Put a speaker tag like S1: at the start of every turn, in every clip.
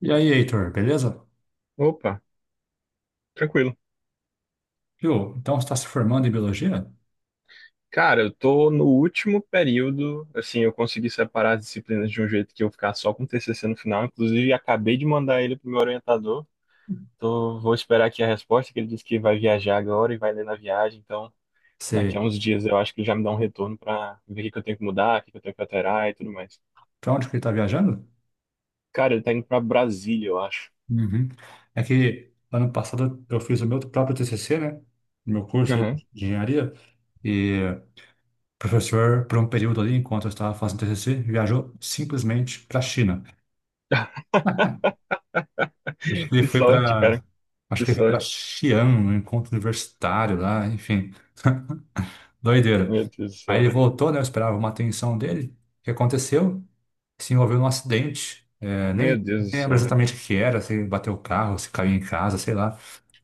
S1: E aí, Heitor, beleza?
S2: Opa, tranquilo.
S1: Viu? Então você está se formando em biologia?
S2: Cara, eu tô no último período, assim, eu consegui separar as disciplinas de um jeito que eu ficar só com o TCC no final, inclusive acabei de mandar ele pro meu orientador. Tô, vou esperar aqui a resposta, que ele disse que vai viajar agora e vai ler na viagem, então daqui
S1: Você,
S2: a uns dias eu acho que ele já me dá um retorno pra ver o que que eu tenho que mudar, o que que eu tenho que alterar e tudo mais.
S1: para onde que ele está viajando?
S2: Cara, ele tá indo pra Brasília, eu acho.
S1: Uhum. É que ano passado eu fiz o meu próprio TCC, né? No meu curso aí
S2: Aham.
S1: de engenharia. E o professor, por um período ali, enquanto eu estava fazendo TCC, viajou simplesmente para a China. Acho que ele
S2: Que
S1: foi
S2: sorte,
S1: para,
S2: cara.
S1: acho
S2: Que
S1: que ele foi para
S2: sorte.
S1: Xi'an, um encontro universitário lá, enfim, doideira.
S2: Meu Deus do
S1: Aí ele
S2: céu.
S1: voltou, né? Eu esperava uma atenção dele. O que aconteceu? Se envolveu num acidente.
S2: Meu Deus do
S1: Nem lembro
S2: céu.
S1: exatamente o que era, se bateu o carro, se caiu em casa, sei lá.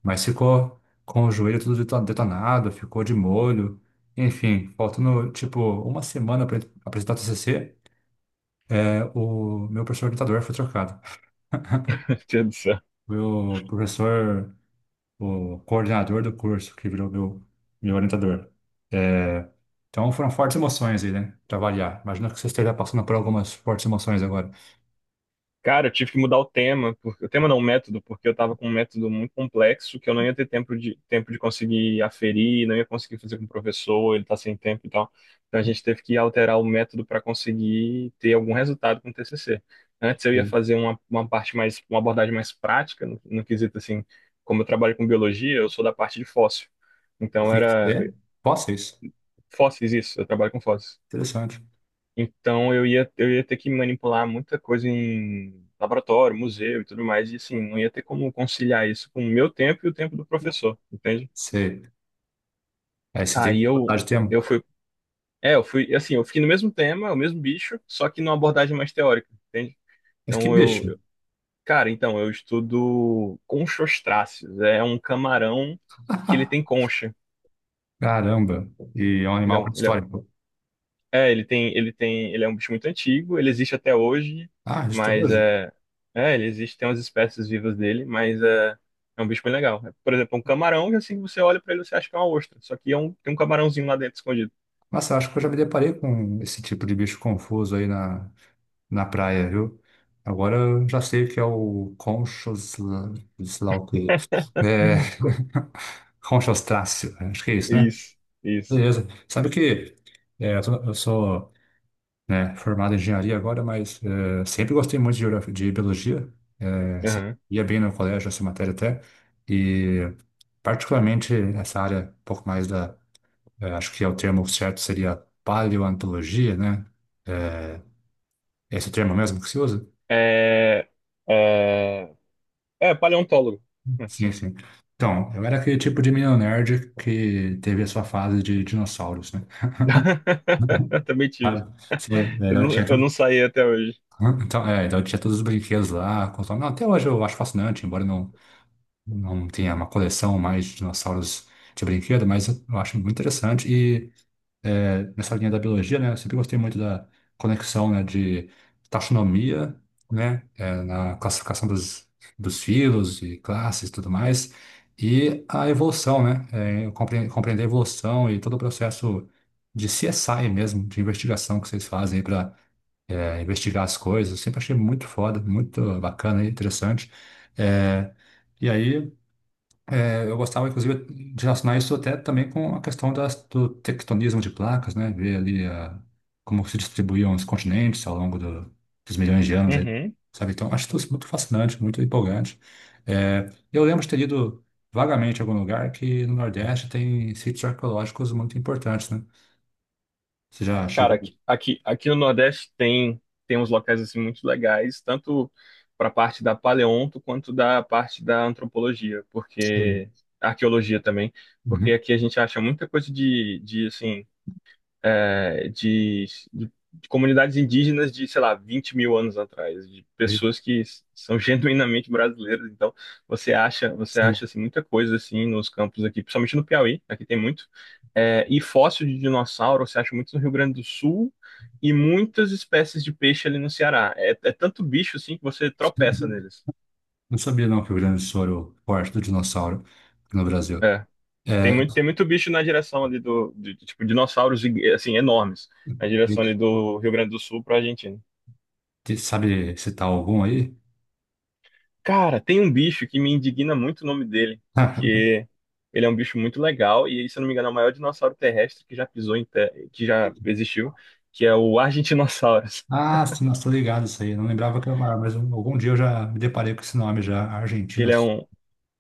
S1: Mas ficou com o joelho tudo detonado, ficou de molho. Enfim, faltando tipo uma semana para apresentar o TCC, o meu professor orientador foi trocado.
S2: Meu Deus do céu.
S1: Meu professor, o coordenador do curso, que virou meu orientador. É, então foram fortes emoções aí, né? Pra variar. Imagino que você esteja passando por algumas fortes emoções agora.
S2: Cara, eu tive que mudar o tema, porque, o tema não, o método, porque eu tava com um método muito complexo que eu não ia ter tempo de conseguir aferir, não ia conseguir fazer com o professor, ele tá sem tempo e tal. Então a gente teve que alterar o método para conseguir ter algum resultado com o TCC. Antes eu ia
S1: Sim.
S2: fazer uma parte mais, uma abordagem mais prática, no quesito assim, como eu trabalho com biologia, eu sou da parte de fóssil.
S1: O
S2: Então
S1: que que
S2: era
S1: você? Posso isso?
S2: fósseis isso, eu trabalho com fósseis.
S1: Interessante.
S2: Então eu ia ter que manipular muita coisa em laboratório, museu e tudo mais, e assim, não ia ter como conciliar isso com o meu tempo e o tempo do professor, entende?
S1: Sei. Aí você tem
S2: Aí
S1: que botar de tema.
S2: eu fui, é, eu fui, assim, eu fiquei no mesmo tema, o mesmo bicho, só que numa abordagem mais teórica, entende?
S1: Mas que
S2: Então
S1: bicho.
S2: cara, então eu estudo conchostráceos, é um camarão que ele tem concha.
S1: Caramba. E é um
S2: Ele é
S1: animal
S2: um, ele é
S1: pré-histórico.
S2: É, ele é um bicho muito antigo, ele existe até hoje,
S1: Ah, isso tem
S2: mas
S1: hoje?
S2: é, é, ele existe, tem umas espécies vivas dele, mas é, é um bicho bem legal. É, por exemplo, um camarão, que assim que você olha para ele, você acha que é uma ostra, só que é um, tem um camarãozinho lá dentro escondido.
S1: Nossa, acho que eu já me deparei com esse tipo de bicho confuso na praia, viu? Agora eu já sei o que é o conchos... sei lá o quê. É... Conchostráceo. Acho que é isso, né?
S2: Isso, isso.
S1: Beleza. Sabe que eu sou né, formado em engenharia agora, mas sempre gostei muito de geografia, de biologia, sempre
S2: Aham.
S1: ia bem no colégio essa matéria até, e particularmente essa área, um pouco mais da, eh, acho que é o termo certo seria paleontologia, né, eh, esse termo mesmo que se usa?
S2: É, é, é paleontólogo.
S1: Sim,
S2: Assim.
S1: sim. Então, eu era aquele tipo de menino nerd que teve a sua fase de dinossauros, né?
S2: Eu também tive.
S1: Sabe? Então, eu tinha
S2: Eu não
S1: tudo.
S2: saí até hoje.
S1: Hã? Então eu tinha todos os brinquedos lá. Não, até hoje eu acho fascinante, embora não, não tinha uma coleção mais de dinossauros de brinquedo, mas eu acho muito interessante. Nessa linha da biologia, né, eu sempre gostei muito da conexão, de taxonomia, na classificação dos filos e classes e tudo mais, e a evolução, eu compreender a evolução e todo o processo de CSI mesmo, de investigação que vocês fazem para investigar as coisas. Eu sempre achei muito foda, muito bacana e interessante. É, e aí eu gostava, inclusive, de relacionar isso até também com a questão do tectonismo de placas, né? Como se distribuíam os continentes ao longo dos milhões de anos, aí,
S2: Uhum.
S1: sabe? Então, acho isso muito fascinante, muito empolgante. Eu lembro de ter lido vagamente em algum lugar que no Nordeste tem sítios arqueológicos muito importantes, né? Você já
S2: Cara, aqui,
S1: chegou?
S2: aqui, aqui no Nordeste tem, tem uns locais assim muito legais, tanto para a parte da paleonto quanto da parte da antropologia, porque
S1: Sim.
S2: arqueologia também, porque
S1: Uhum.
S2: aqui a gente acha muita coisa de assim é, de comunidades indígenas de, sei lá, 20 mil anos atrás, de
S1: E-
S2: pessoas que são genuinamente brasileiras. Então, você
S1: Sim.
S2: acha assim, muita coisa assim nos campos aqui, principalmente no Piauí, aqui tem muito. É, e fóssil de dinossauro, você acha muito no Rio Grande do Sul e muitas espécies de peixe ali no Ceará. É, é tanto bicho assim que você tropeça neles.
S1: Não sabia, não, que o Rio Grande do Sul era o forte do dinossauro no Brasil.
S2: É.
S1: É,
S2: Tem muito bicho na direção ali do tipo, dinossauros, assim, enormes, na direção ali do Rio Grande do Sul para a Argentina.
S1: Te- Sabe citar algum aí?
S2: Cara, tem um bicho que me indigna muito o nome dele, porque ele é um bicho muito legal e, se eu não me engano, é o maior dinossauro terrestre que já pisou que já existiu, que é o Argentinossauros.
S1: Ah, sim, nossa, tô ligado isso aí. Eu não lembrava que era maior, mas algum dia eu já me deparei com esse nome já,
S2: Que ele é
S1: Argentinos.
S2: um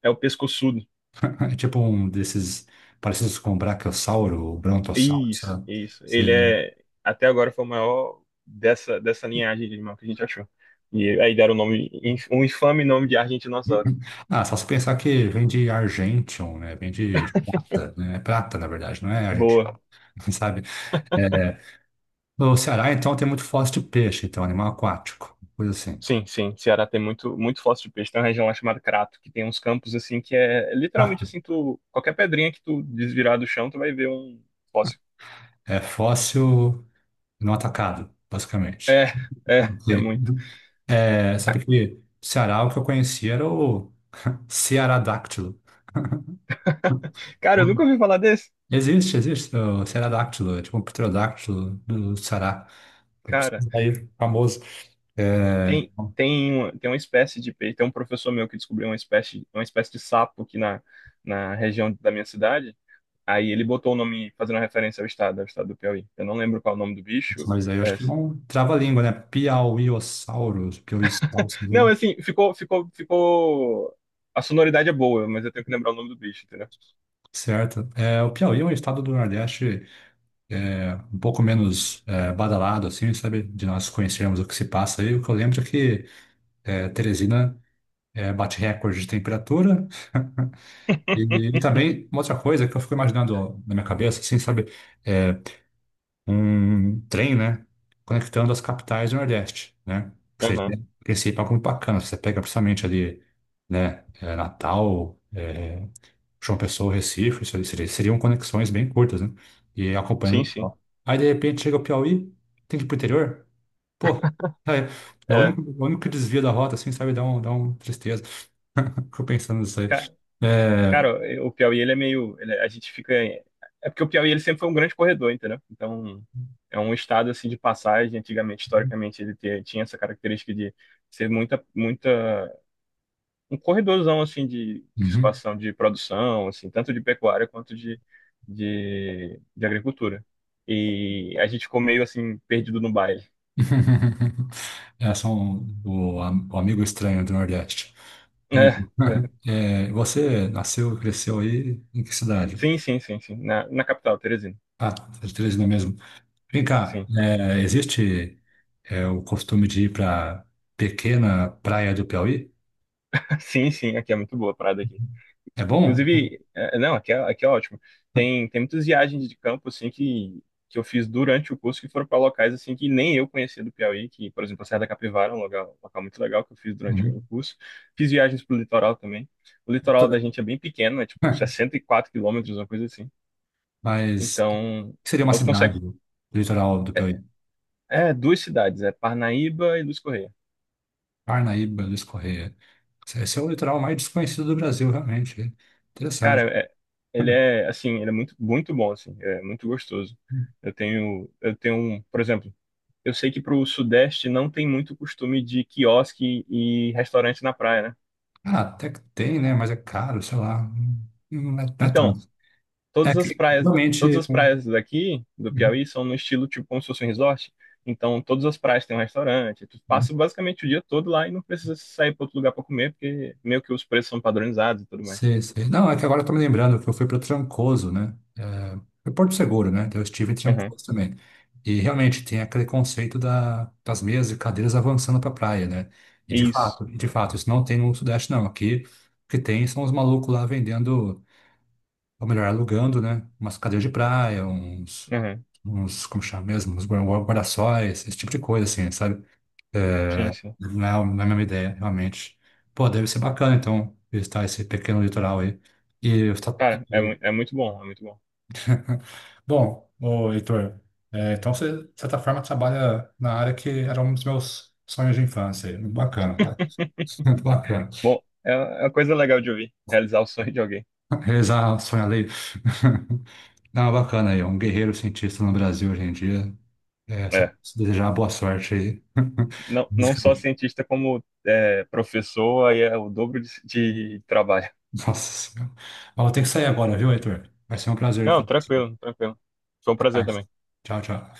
S2: é o pescoçudo.
S1: É tipo um desses parecidos com Brachiosauro, Brontossauro, sei
S2: Isso,
S1: lá.
S2: isso.
S1: Sei
S2: Ele
S1: lá.
S2: é até agora foi o maior dessa linhagem de animal que a gente achou. E aí deram o nome um infame nome de Argentinossauros.
S1: Ah, só se pensar que vem de Argentium, né? Vem de prata, né? É prata, na verdade, não é Argentino,
S2: Boa.
S1: sabe? É, no Ceará, então, tem muito fóssil de peixe, então, animal aquático, coisa assim.
S2: Sim, sim. Ceará tem muito, muito fóssil de peixe. Tem uma região lá chamada Crato, que tem uns campos assim que é literalmente
S1: Prato.
S2: assim, tu, qualquer pedrinha que tu desvirar do chão, tu vai ver um fóssil.
S1: É fóssil não atacado, basicamente.
S2: É, é, é
S1: Ok.
S2: muito.
S1: É, sabe que Ceará, o que eu conhecia era o Cearadáctilo.
S2: Cara, eu
S1: Não,
S2: nunca ouvi falar desse.
S1: existe o Cearadáctilo, é tipo um pterodáctilo do Ceará. Esse
S2: Cara,
S1: daí é famoso. É,
S2: tem uma espécie de peixe, tem um professor meu que descobriu uma espécie de sapo aqui na região da minha cidade. Aí ele botou o nome fazendo referência ao estado do Piauí. Eu não lembro qual é o nome do
S1: nossa,
S2: bicho.
S1: mas aí eu acho
S2: É
S1: que não trava a língua, né? Piauiossauros, Piauiossauros,
S2: Não,
S1: né?
S2: é assim, ficou. A sonoridade é boa, mas eu tenho que lembrar o nome do bicho, entendeu?
S1: Certo? É, o Piauí é um estado do Nordeste um pouco menos badalado, assim, sabe? De nós conhecermos o que se passa aí. O que eu lembro é que Teresina bate recorde de temperatura. E, e também, uma outra coisa que eu fico imaginando ó, na minha cabeça, assim, sabe, é um trem, né, conectando as capitais do Nordeste, né? Ou seja, né,
S2: Aham.
S1: em princípio, é algo muito bacana. Você pega precisamente ali, Natal, João Pessoa, Recife, seriam conexões bem curtas, né? E acompanhando o
S2: Sim, sim.
S1: litoral. Aí, de repente, chega o Piauí, tem que ir pro interior. Pô, é, é
S2: É.
S1: o único desvio da rota, assim, sabe, dá dá um tristeza. Fico pensando nisso aí.
S2: Ca-
S1: É,
S2: Cara, o Piauí, ele é meio. Ele- a gente fica. É porque o Piauí, ele sempre foi um grande corredor, entendeu? Então, é um estado, assim, de passagem. Antigamente, historicamente, ele tinha essa característica de ser muita, muita. Um corredorzão, assim, de
S1: uhum.
S2: escoação, de produção, assim, tanto de pecuária quanto de agricultura. E a gente ficou meio, assim, perdido no baile.
S1: É, são o amigo estranho do Nordeste. Entendi.
S2: É, é.
S1: É, você nasceu e cresceu aí em que cidade?
S2: Sim, sim, sim, sim. Na capital, Teresina.
S1: Ah, você é de Teresina mesmo. Vem cá,
S2: Sim.
S1: existe o costume de ir para pequena praia do Piauí?
S2: Sim, sim, aqui é muito boa a parada aqui.
S1: É bom?
S2: Inclusive, é, não, aqui é ótimo. Tem, tem muitas viagens de campo, assim, que eu fiz durante o curso, que foram para locais, assim, que nem eu conhecia do Piauí, que, por exemplo, a Serra da Capivara é um local muito legal que eu fiz durante o
S1: Uhum.
S2: curso. Fiz viagens pro litoral também. O litoral da gente é bem pequeno, é tipo 64 quilômetros, uma coisa assim.
S1: Mas o
S2: Então,
S1: que seria uma
S2: então tu consegue...
S1: cidade do litoral do Piauí?
S2: É, é duas cidades, é Parnaíba e Luiz Correia.
S1: Parnaíba, Luiz Correia. Esse é o litoral mais desconhecido do Brasil, realmente.
S2: Cara,
S1: Interessante.
S2: ele é assim, ele é muito, muito bom, assim, é muito gostoso. Por exemplo, eu sei que pro Sudeste não tem muito costume de quiosque e restaurante na praia, né?
S1: Ah, até que tem, né? Mas é caro, sei lá. Não é
S2: Então,
S1: tanto. É
S2: todas as
S1: que
S2: praias, todas
S1: realmente.
S2: as praias daqui do
S1: Uhum,
S2: Piauí são no estilo tipo como se fosse um resort. Então, todas as praias têm um restaurante. Tu
S1: uhum.
S2: passa basicamente o dia todo lá e não precisa sair para outro lugar para comer, porque meio que os preços são padronizados e tudo mais.
S1: Sei, sei. Não, é que agora eu tô me lembrando que eu fui para Trancoso, né? É, foi Porto Seguro, né? Então eu estive em
S2: Uhum.
S1: Trancoso também. E realmente tem aquele conceito das mesas e cadeiras avançando para a praia, né? E de
S2: Isso.
S1: fato, isso não tem no Sudeste, não. Aqui o que tem são os malucos lá vendendo, ou melhor, alugando, né? Umas cadeiras de praia, uns.
S2: Uhum.
S1: Uns, como chama mesmo? Uns guarda-sóis, esse tipo de coisa, assim, sabe?
S2: Sim, sim.
S1: Não, não é a mesma ideia, realmente. Pô, deve ser bacana, então, visitar esse pequeno litoral aí. E, eu tá-
S2: Cara, é,
S1: e-
S2: é muito bom, é muito bom.
S1: bom, ô, Heitor, então você, de certa forma, trabalha na área que era um dos meus sonhos de infância. Muito bacana, tá? Muito bacana.
S2: Bom, é uma coisa legal de ouvir, realizar o sonho de alguém.
S1: Realizar sonhar alheio. Não, bacana aí, é um guerreiro cientista no Brasil hoje em dia. É, só
S2: É.
S1: preciso desejar boa sorte aí.
S2: Não, não só
S1: Basicamente.
S2: cientista, como é, professor, aí é o dobro de trabalho.
S1: Nossa Senhora. Ó, eu tenho que sair agora, viu, Heitor? Vai ser um prazer
S2: Não,
S1: falar.
S2: tranquilo, tranquilo. Foi um
S1: Até
S2: prazer
S1: mais.
S2: também.
S1: Tchau, tchau.